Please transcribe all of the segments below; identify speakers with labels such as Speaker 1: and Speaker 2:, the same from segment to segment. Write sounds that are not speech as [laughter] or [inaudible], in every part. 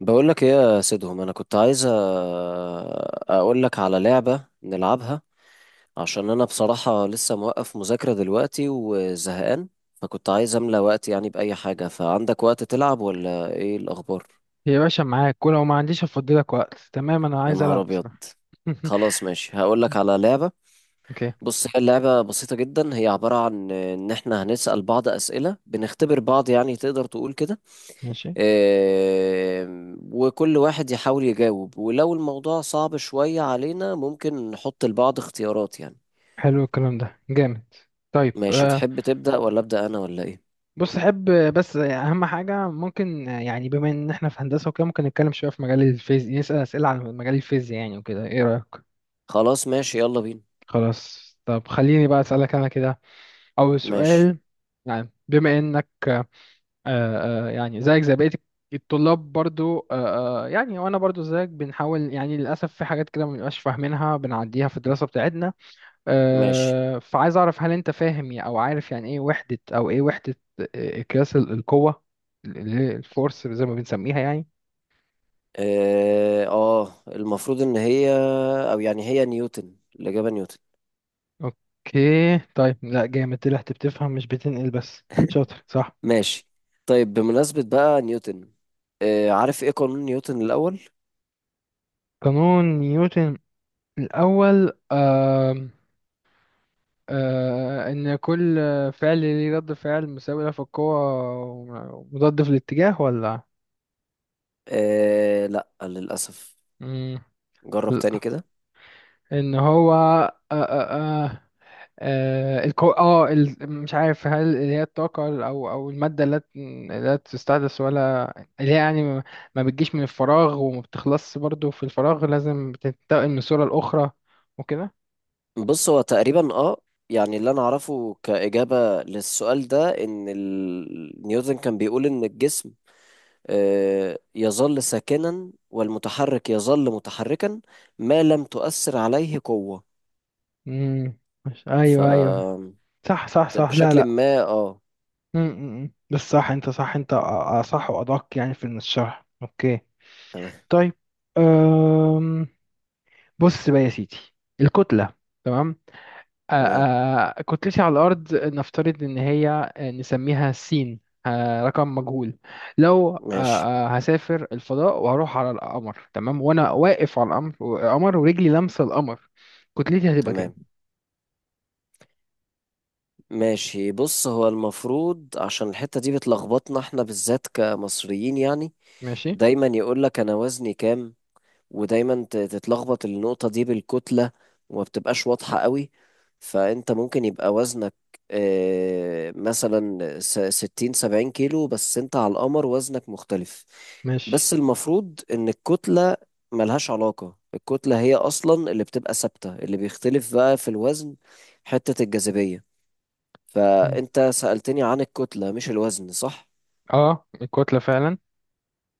Speaker 1: بقول لك ايه يا سيدهم، انا كنت عايز اقول لك على لعبة نلعبها. عشان انا بصراحة لسه موقف مذاكرة دلوقتي وزهقان. فكنت عايز املى وقت يعني بأي حاجة. فعندك وقت تلعب ولا ايه الاخبار؟
Speaker 2: يا باشا، معاك، ولو ما عنديش افضلك وقت. تمام، انا
Speaker 1: يا
Speaker 2: عايز
Speaker 1: نهار
Speaker 2: العب
Speaker 1: ابيض!
Speaker 2: بصراحه. [laughs]
Speaker 1: خلاص ماشي، هقول لك على لعبة.
Speaker 2: اوكي.
Speaker 1: بص، هي اللعبة بسيطة جدا، هي عبارة عن ان احنا هنسأل بعض أسئلة، بنختبر بعض يعني تقدر تقول كده.
Speaker 2: ماشي.
Speaker 1: وكل واحد يحاول يجاوب، ولو الموضوع صعب شوية علينا ممكن نحط لبعض اختيارات يعني.
Speaker 2: حلو الكلام ده، جامد. طيب.
Speaker 1: ماشي، تحب تبدأ ولا أبدأ أنا ولا إيه؟
Speaker 2: بص، احب، بس، اهم حاجه ممكن، يعني بما ان احنا في هندسه وكده، ممكن نتكلم شويه في مجال الفيزياء، نسال اسئله عن مجال الفيزياء يعني وكده. ايه رايك؟
Speaker 1: خلاص ماشي، يلا بينا.
Speaker 2: خلاص، طب خليني بقى اسالك انا كده. اول
Speaker 1: ماشي.
Speaker 2: سؤال، يعني بما انك يعني زيك زي بقية الطلاب برضو، يعني وانا برضو زيك بنحاول، يعني للاسف في حاجات كده ما بنبقاش فاهمينها، بنعديها في الدراسة بتاعتنا.
Speaker 1: ماشي.
Speaker 2: فعايز اعرف، هل انت فاهم او عارف يعني ايه وحدة او ايه وحدة، قياس القوة، اللي هي الفورس زي ما بنسميها يعني.
Speaker 1: المفروض إن هي، أو يعني هي نيوتن، الإجابة نيوتن.
Speaker 2: اوكي. طيب، لا جامد، طلعت بتفهم مش بتنقل. بس شاطر صح؟
Speaker 1: ماشي. طيب بمناسبة بقى نيوتن، عارف إيه قانون نيوتن الأول؟
Speaker 2: قانون نيوتن الاول، إن كل فعل ليه رد فعل مساوي له في القوة، ومضاد في الاتجاه، ولا؟
Speaker 1: لا، للأسف.
Speaker 2: مم.
Speaker 1: جرب
Speaker 2: لأ.
Speaker 1: تاني كده.
Speaker 2: إن هو، آه مش عارف، هل اللي هي الطاقة، أو المادة اللي لا تستحدث، ولا اللي هي يعني ما بتجيش من الفراغ وما بتخلصش برضو في الفراغ، لازم بتنتقل من صورة لأخرى، وكده.
Speaker 1: بص، هو تقريبا يعني اللي انا اعرفه كإجابة للسؤال ده، ان نيوتن كان بيقول ان الجسم يظل ساكنا، والمتحرك يظل متحركا ما لم تؤثر عليه قوة.
Speaker 2: مم. مش.
Speaker 1: ف
Speaker 2: أيوه، أيوه، صح، صح،
Speaker 1: طب
Speaker 2: صح. لا،
Speaker 1: بشكل
Speaker 2: لا.
Speaker 1: ما
Speaker 2: مم، مم، مم. بس صح انت، صح انت، اصح وادق يعني في الشرح. اوكي.
Speaker 1: تمام.
Speaker 2: طيب. أم... بص بقى يا سيدي، الكتلة، تمام. أ-
Speaker 1: تمام.
Speaker 2: كتلتي على الأرض، نفترض إن هي نسميها سين، رقم مجهول. لو أ-
Speaker 1: ماشي.
Speaker 2: أ، هسافر الفضاء وهروح على القمر، تمام، وأنا واقف على القمر، القمر ورجلي لامسة القمر، كتلتي هتبقى كام؟
Speaker 1: تمام. ماشي، بص، هو المفروض عشان الحتة دي بتلخبطنا احنا بالذات كمصريين يعني.
Speaker 2: ماشي،
Speaker 1: دايما يقول لك انا وزني كام، ودايما تتلخبط النقطة دي بالكتلة، وما بتبقاش واضحة قوي. فأنت ممكن يبقى وزنك مثلا 60 70 كيلو، بس أنت على القمر وزنك مختلف.
Speaker 2: ماشي.
Speaker 1: بس المفروض إن الكتلة ملهاش علاقة، الكتلة هي أصلا اللي بتبقى ثابتة، اللي بيختلف بقى في الوزن حتة الجاذبية.
Speaker 2: مم.
Speaker 1: فأنت سألتني عن الكتلة مش الوزن، صح؟
Speaker 2: اه، الكتلة فعلا.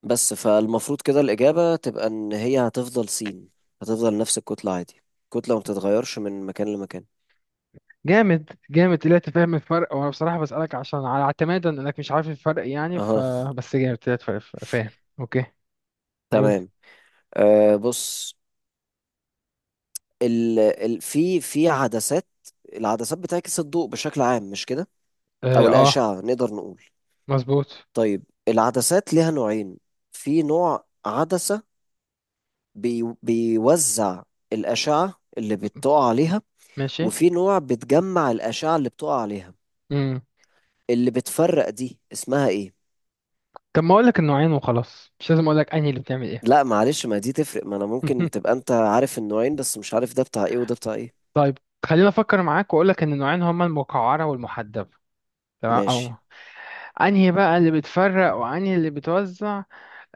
Speaker 1: بس فالمفروض كده الإجابة تبقى إن هي هتفضل سين، هتفضل نفس الكتلة عادي، الكتلة ما بتتغيرش من مكان لمكان.
Speaker 2: جامد، جامد، طلعت فاهم الفرق. وانا بصراحة بسألك عشان على اعتمادا انك مش عارف الفرق، يعني ف...
Speaker 1: أها.
Speaker 2: بس جامد، طلعت فاهم. اوكي، قول.
Speaker 1: تمام. بص، ال في عدسات، العدسات بتعكس الضوء بشكل عام، مش كده؟
Speaker 2: اه،
Speaker 1: أو
Speaker 2: آه.
Speaker 1: الأشعة نقدر نقول.
Speaker 2: مظبوط.
Speaker 1: طيب العدسات ليها نوعين، في نوع عدسة بيوزع الأشعة اللي
Speaker 2: م-
Speaker 1: بتقع عليها،
Speaker 2: ماشي.
Speaker 1: وفي نوع بتجمع الأشعة اللي بتقع عليها.
Speaker 2: امم
Speaker 1: اللي بتفرق دي اسمها إيه؟
Speaker 2: طب ما اقول لك النوعين وخلاص، مش لازم اقول لك انهي اللي بتعمل ايه.
Speaker 1: لا معلش، ما دي تفرق، ما انا ممكن
Speaker 2: [laughs]
Speaker 1: تبقى انت عارف النوعين بس مش عارف ده بتاع ايه وده بتاع ايه.
Speaker 2: طيب، خلينا افكر معاك واقول لك ان النوعين هما المقعرة والمحدبة، تمام. او
Speaker 1: ماشي.
Speaker 2: انهي بقى اللي بتفرق وانهي اللي بتوزع.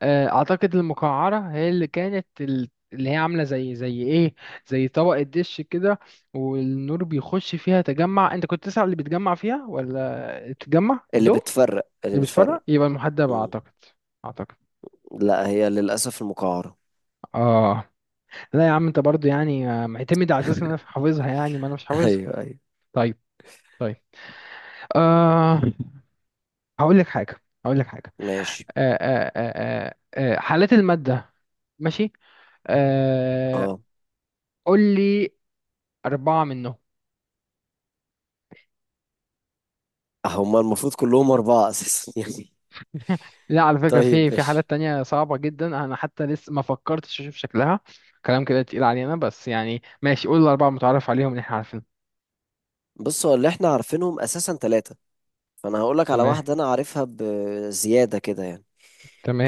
Speaker 2: اعتقد المقعره هي اللي كانت، اللي هي عامله زي، زي ايه، زي طبق الدش كده. والنور بيخش فيها، تجمع. انت كنت تسأل اللي بيتجمع فيها ولا تتجمع
Speaker 1: اللي
Speaker 2: الضوء؟
Speaker 1: بتفرق، اللي
Speaker 2: اللي
Speaker 1: بتفرق.
Speaker 2: بيتفرق يبقى المحدب،
Speaker 1: مم.
Speaker 2: اعتقد. اعتقد.
Speaker 1: لا، هي للأسف المقعرة.
Speaker 2: اه. لا يا عم، انت برضو يعني معتمد على اساس ان انا
Speaker 1: [laughs]
Speaker 2: حافظها، يعني ما انا مش حافظها.
Speaker 1: ايوه، ايوه.
Speaker 2: طيب، طيب. آه هقول لك حاجه، هقول لك حاجه.
Speaker 1: ماشي.
Speaker 2: حالات الماده. ماشي. آه
Speaker 1: اه
Speaker 2: قول لي أربعة منهم.
Speaker 1: هما المفروض كلهم أربعة أساسا [laughs] يعني.
Speaker 2: لا، على فكرة،
Speaker 1: طيب
Speaker 2: في في
Speaker 1: ماشي.
Speaker 2: حالات تانية صعبة جدا، أنا حتى لسه ما فكرتش أشوف شكلها. كلام كده تقيل علينا، بس يعني ماشي، قول الأربعة متعرف عليهم اللي إحنا عارفينهم.
Speaker 1: بص، هو اللي احنا عارفينهم أساسا ثلاثة، فأنا هقولك على
Speaker 2: تمام،
Speaker 1: واحدة أنا عارفها بزيادة كده يعني.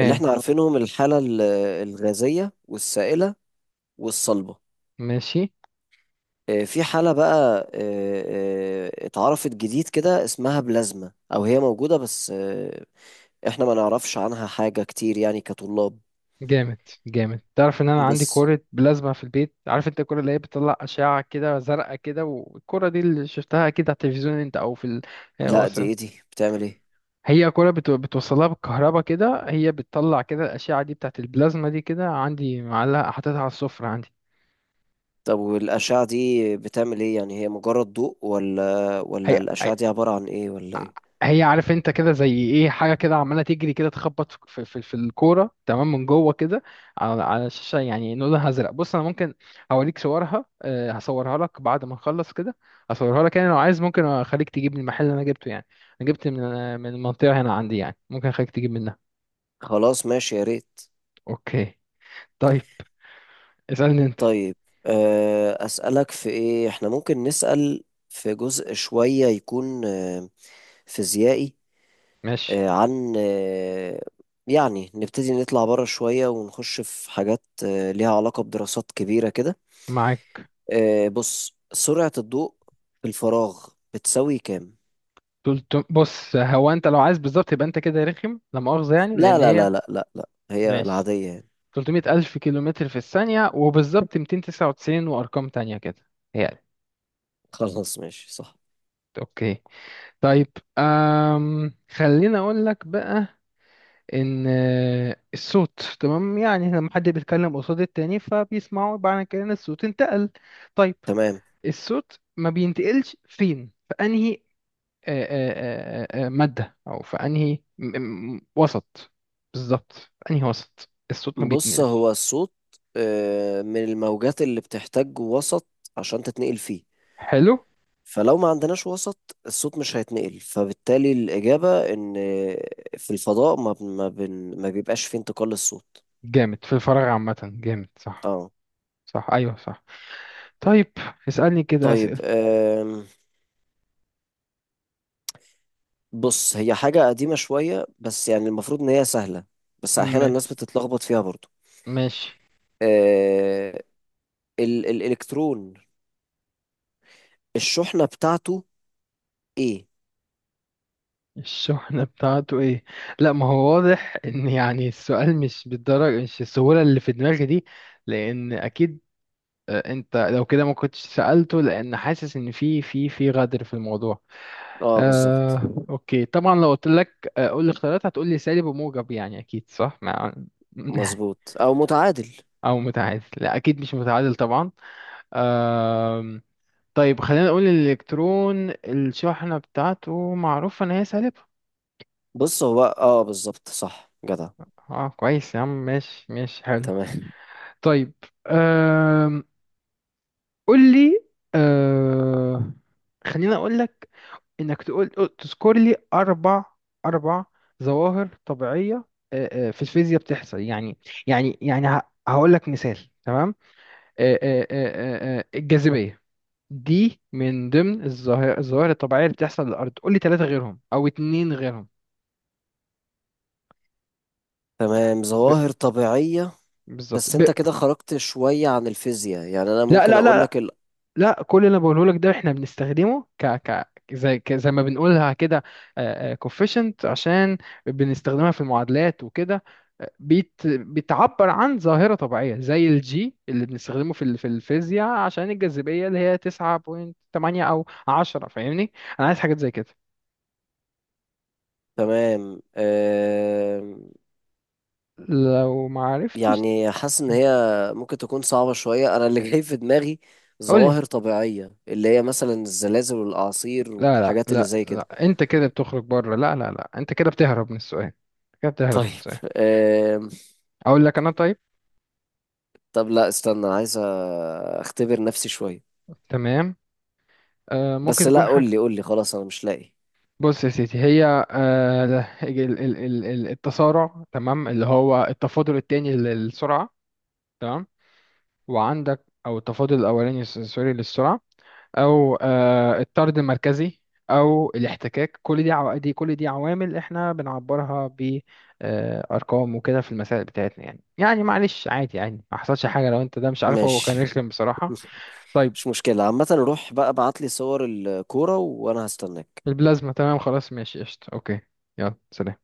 Speaker 1: اللي احنا عارفينهم الحالة الغازية والسائلة والصلبة.
Speaker 2: ماشي.
Speaker 1: في حالة بقى اتعرفت جديد كده اسمها بلازما، أو هي موجودة بس احنا ما نعرفش عنها حاجة كتير يعني كطلاب.
Speaker 2: جامد، جامد. تعرف إن أنا عندي
Speaker 1: بس
Speaker 2: كورة بلازما في البيت؟ عارف أنت الكورة اللي هي بتطلع أشعة كده زرقاء كده، والكورة دي اللي شفتها أكيد على التلفزيون أنت، أو في ال... هي
Speaker 1: لا، دي
Speaker 2: وصل-
Speaker 1: ايه، دي بتعمل ايه؟
Speaker 2: هي كورة بتوصلها بالكهرباء كده، هي بتطلع كده الأشعة دي، بتاعت البلازما دي كده، عندي معلقة، حاططها على السفرة عندي.
Speaker 1: طب والأشعة دي بتعمل ايه؟ يعني هي مجرد ضوء ولا
Speaker 2: هي
Speaker 1: الأشعة دي عبارة عن ايه ولا ايه؟
Speaker 2: هي عارف انت كده، زي ايه حاجه كده عماله تجري كده، تخبط في الكوره، تمام، من جوه كده، على الشاشه، يعني لونها ازرق. بص انا ممكن اوريك صورها، هصورها لك بعد ما نخلص كده. هصورها لك، يعني لو عايز، ممكن اخليك تجيب من المحل اللي انا جبته يعني. انا جبت من المنطقه هنا عندي، يعني ممكن اخليك تجيب منها.
Speaker 1: خلاص ماشي، يا ريت.
Speaker 2: اوكي. طيب، اسالني انت.
Speaker 1: طيب، أسألك في ايه، احنا ممكن نسأل في جزء شوية يكون فيزيائي،
Speaker 2: ماشي،
Speaker 1: عن يعني نبتدي نطلع بره شوية ونخش في حاجات ليها علاقة بدراسات كبيرة كده.
Speaker 2: معاك.
Speaker 1: بص، سرعة الضوء في الفراغ بتساوي كام؟
Speaker 2: بص، هو انت لو عايز بالظبط، يبقى انت كده رخم، لا مؤاخذه يعني،
Speaker 1: لا،
Speaker 2: لان
Speaker 1: لا،
Speaker 2: هي.
Speaker 1: لا، لا، لا، لا، هي
Speaker 2: ماشي.
Speaker 1: العادية يعني.
Speaker 2: 300 ألف كيلومتر في الثانية، وبالظبط 299 وأرقام تانية كده يعني.
Speaker 1: [laughs] خلاص ماشي صح.
Speaker 2: أوكي. طيب. خليني أقول لك بقى، إن الصوت، تمام، يعني لما حد بيتكلم قصاد التاني فبيسمعوا بعد كده إن الصوت انتقل. طيب،
Speaker 1: تمام.
Speaker 2: الصوت ما بينتقلش فين، في أنهي مادة، أو في أنهي وسط، بالظبط، في أنهي وسط الصوت ما
Speaker 1: بص،
Speaker 2: بيتنقلش.
Speaker 1: هو الصوت من الموجات اللي بتحتاج وسط عشان تتنقل فيه،
Speaker 2: حلو.
Speaker 1: فلو ما عندناش وسط الصوت مش هيتنقل، فبالتالي الإجابة إن في الفضاء ما بيبقاش فيه انتقال للصوت.
Speaker 2: جامد، في الفراغ عامة، جامد صح.
Speaker 1: اه.
Speaker 2: صح، ايوه، صح. طيب، اسألني كده
Speaker 1: طيب.
Speaker 2: اسئلة.
Speaker 1: بص، هي حاجة قديمة شوية بس يعني المفروض إن هي سهلة، بس أحيانا الناس
Speaker 2: ماشي،
Speaker 1: بتتلخبط فيها برضو.
Speaker 2: ماشي.
Speaker 1: أه، الإلكترون الشحنة بتاعته إيه؟
Speaker 2: الشحنة بتاعته ايه؟ لا، ما هو واضح ان، يعني السؤال مش بالدرجة، مش السهولة اللي في دماغي دي، لان اكيد، انت لو كده ما كنتش سألته، لان حاسس ان في غدر في الموضوع.
Speaker 1: اه، بالظبط.
Speaker 2: اوكي، طبعا. لو قلت لك، قول لي اختيارات، هتقول لي سالب وموجب، يعني اكيد صح، مع... [laughs]
Speaker 1: مظبوط، أو متعادل.
Speaker 2: او متعادل. لا، اكيد مش متعادل طبعا. آه طيب، خلينا نقول الإلكترون، الشحنة بتاعته معروف إن هي سالبة.
Speaker 1: بص، هو بالظبط صح جدع.
Speaker 2: اه، كويس يا عم، ماشي، ماشي، حلو.
Speaker 1: تمام.
Speaker 2: طيب. أم... قول لي. أه... خلينا أقول لك إنك تقول، تذكر لي أربع، أربع ظواهر طبيعية أه، أه، في الفيزياء بتحصل يعني. يعني يعني هقول لك مثال. تمام، أه، أه، أه، أه، أه، الجاذبية دي من ضمن الظواهر الطبيعية اللي بتحصل للأرض. قول لي ثلاثة غيرهم، أو اتنين غيرهم.
Speaker 1: [laughs] تمام. ظواهر طبيعية.
Speaker 2: بالظبط.
Speaker 1: بس أنت كده خرجت شوية عن الفيزياء يعني، أنا
Speaker 2: لا،
Speaker 1: ممكن
Speaker 2: لا،
Speaker 1: أقول
Speaker 2: لا،
Speaker 1: لك
Speaker 2: لا، كل اللي انا بقوله لك ده احنا بنستخدمه ك زي زي ما بنقولها كده، كوفيشنت، عشان بنستخدمها في المعادلات وكده. بتعبر عن ظاهرة طبيعية، زي الجي اللي بنستخدمه في ال... في الفيزياء، عشان الجاذبية اللي هي 9.8 او 10. فاهمني؟ انا عايز حاجات زي كده،
Speaker 1: تمام.
Speaker 2: لو ما عرفتش
Speaker 1: يعني حاسس ان هي ممكن تكون صعبة شوية. انا اللي جاي في دماغي
Speaker 2: قول لي.
Speaker 1: ظواهر طبيعية، اللي هي مثلا الزلازل والاعاصير
Speaker 2: لا لا
Speaker 1: والحاجات اللي
Speaker 2: لا
Speaker 1: زي كده.
Speaker 2: لا، انت كده بتخرج بره. لا لا لا، انت كده بتهرب من السؤال، كده بتهرب
Speaker 1: طيب.
Speaker 2: من السؤال.
Speaker 1: آم،
Speaker 2: اقول لك انا. طيب،
Speaker 1: طب لا، استنى عايز اختبر نفسي شوية.
Speaker 2: تمام. ممكن
Speaker 1: بس لا،
Speaker 2: تكون
Speaker 1: قول
Speaker 2: حاجة.
Speaker 1: لي، قول لي، خلاص انا مش لاقي.
Speaker 2: بص يا سيدي، هي التسارع، تمام، اللي هو التفاضل التاني للسرعة، تمام. وعندك أو التفاضل الأولاني، سوري، للسرعة، أو الطرد المركزي، أو الاحتكاك، كل دي كل دي عوامل إحنا بنعبرها بأرقام وكده في المسائل بتاعتنا، يعني يعني معلش عادي يعني، ما حصلش حاجة لو أنت ده مش عارفه. هو
Speaker 1: ماشي.
Speaker 2: كان رخم بصراحة. طيب،
Speaker 1: [laughs] مش مشكلة عامة، روح بقى ابعت لي صور الكورة وانا هستناك.
Speaker 2: البلازما، تمام، خلاص، ماشي، قشطة، أوكي. يلا، سلام.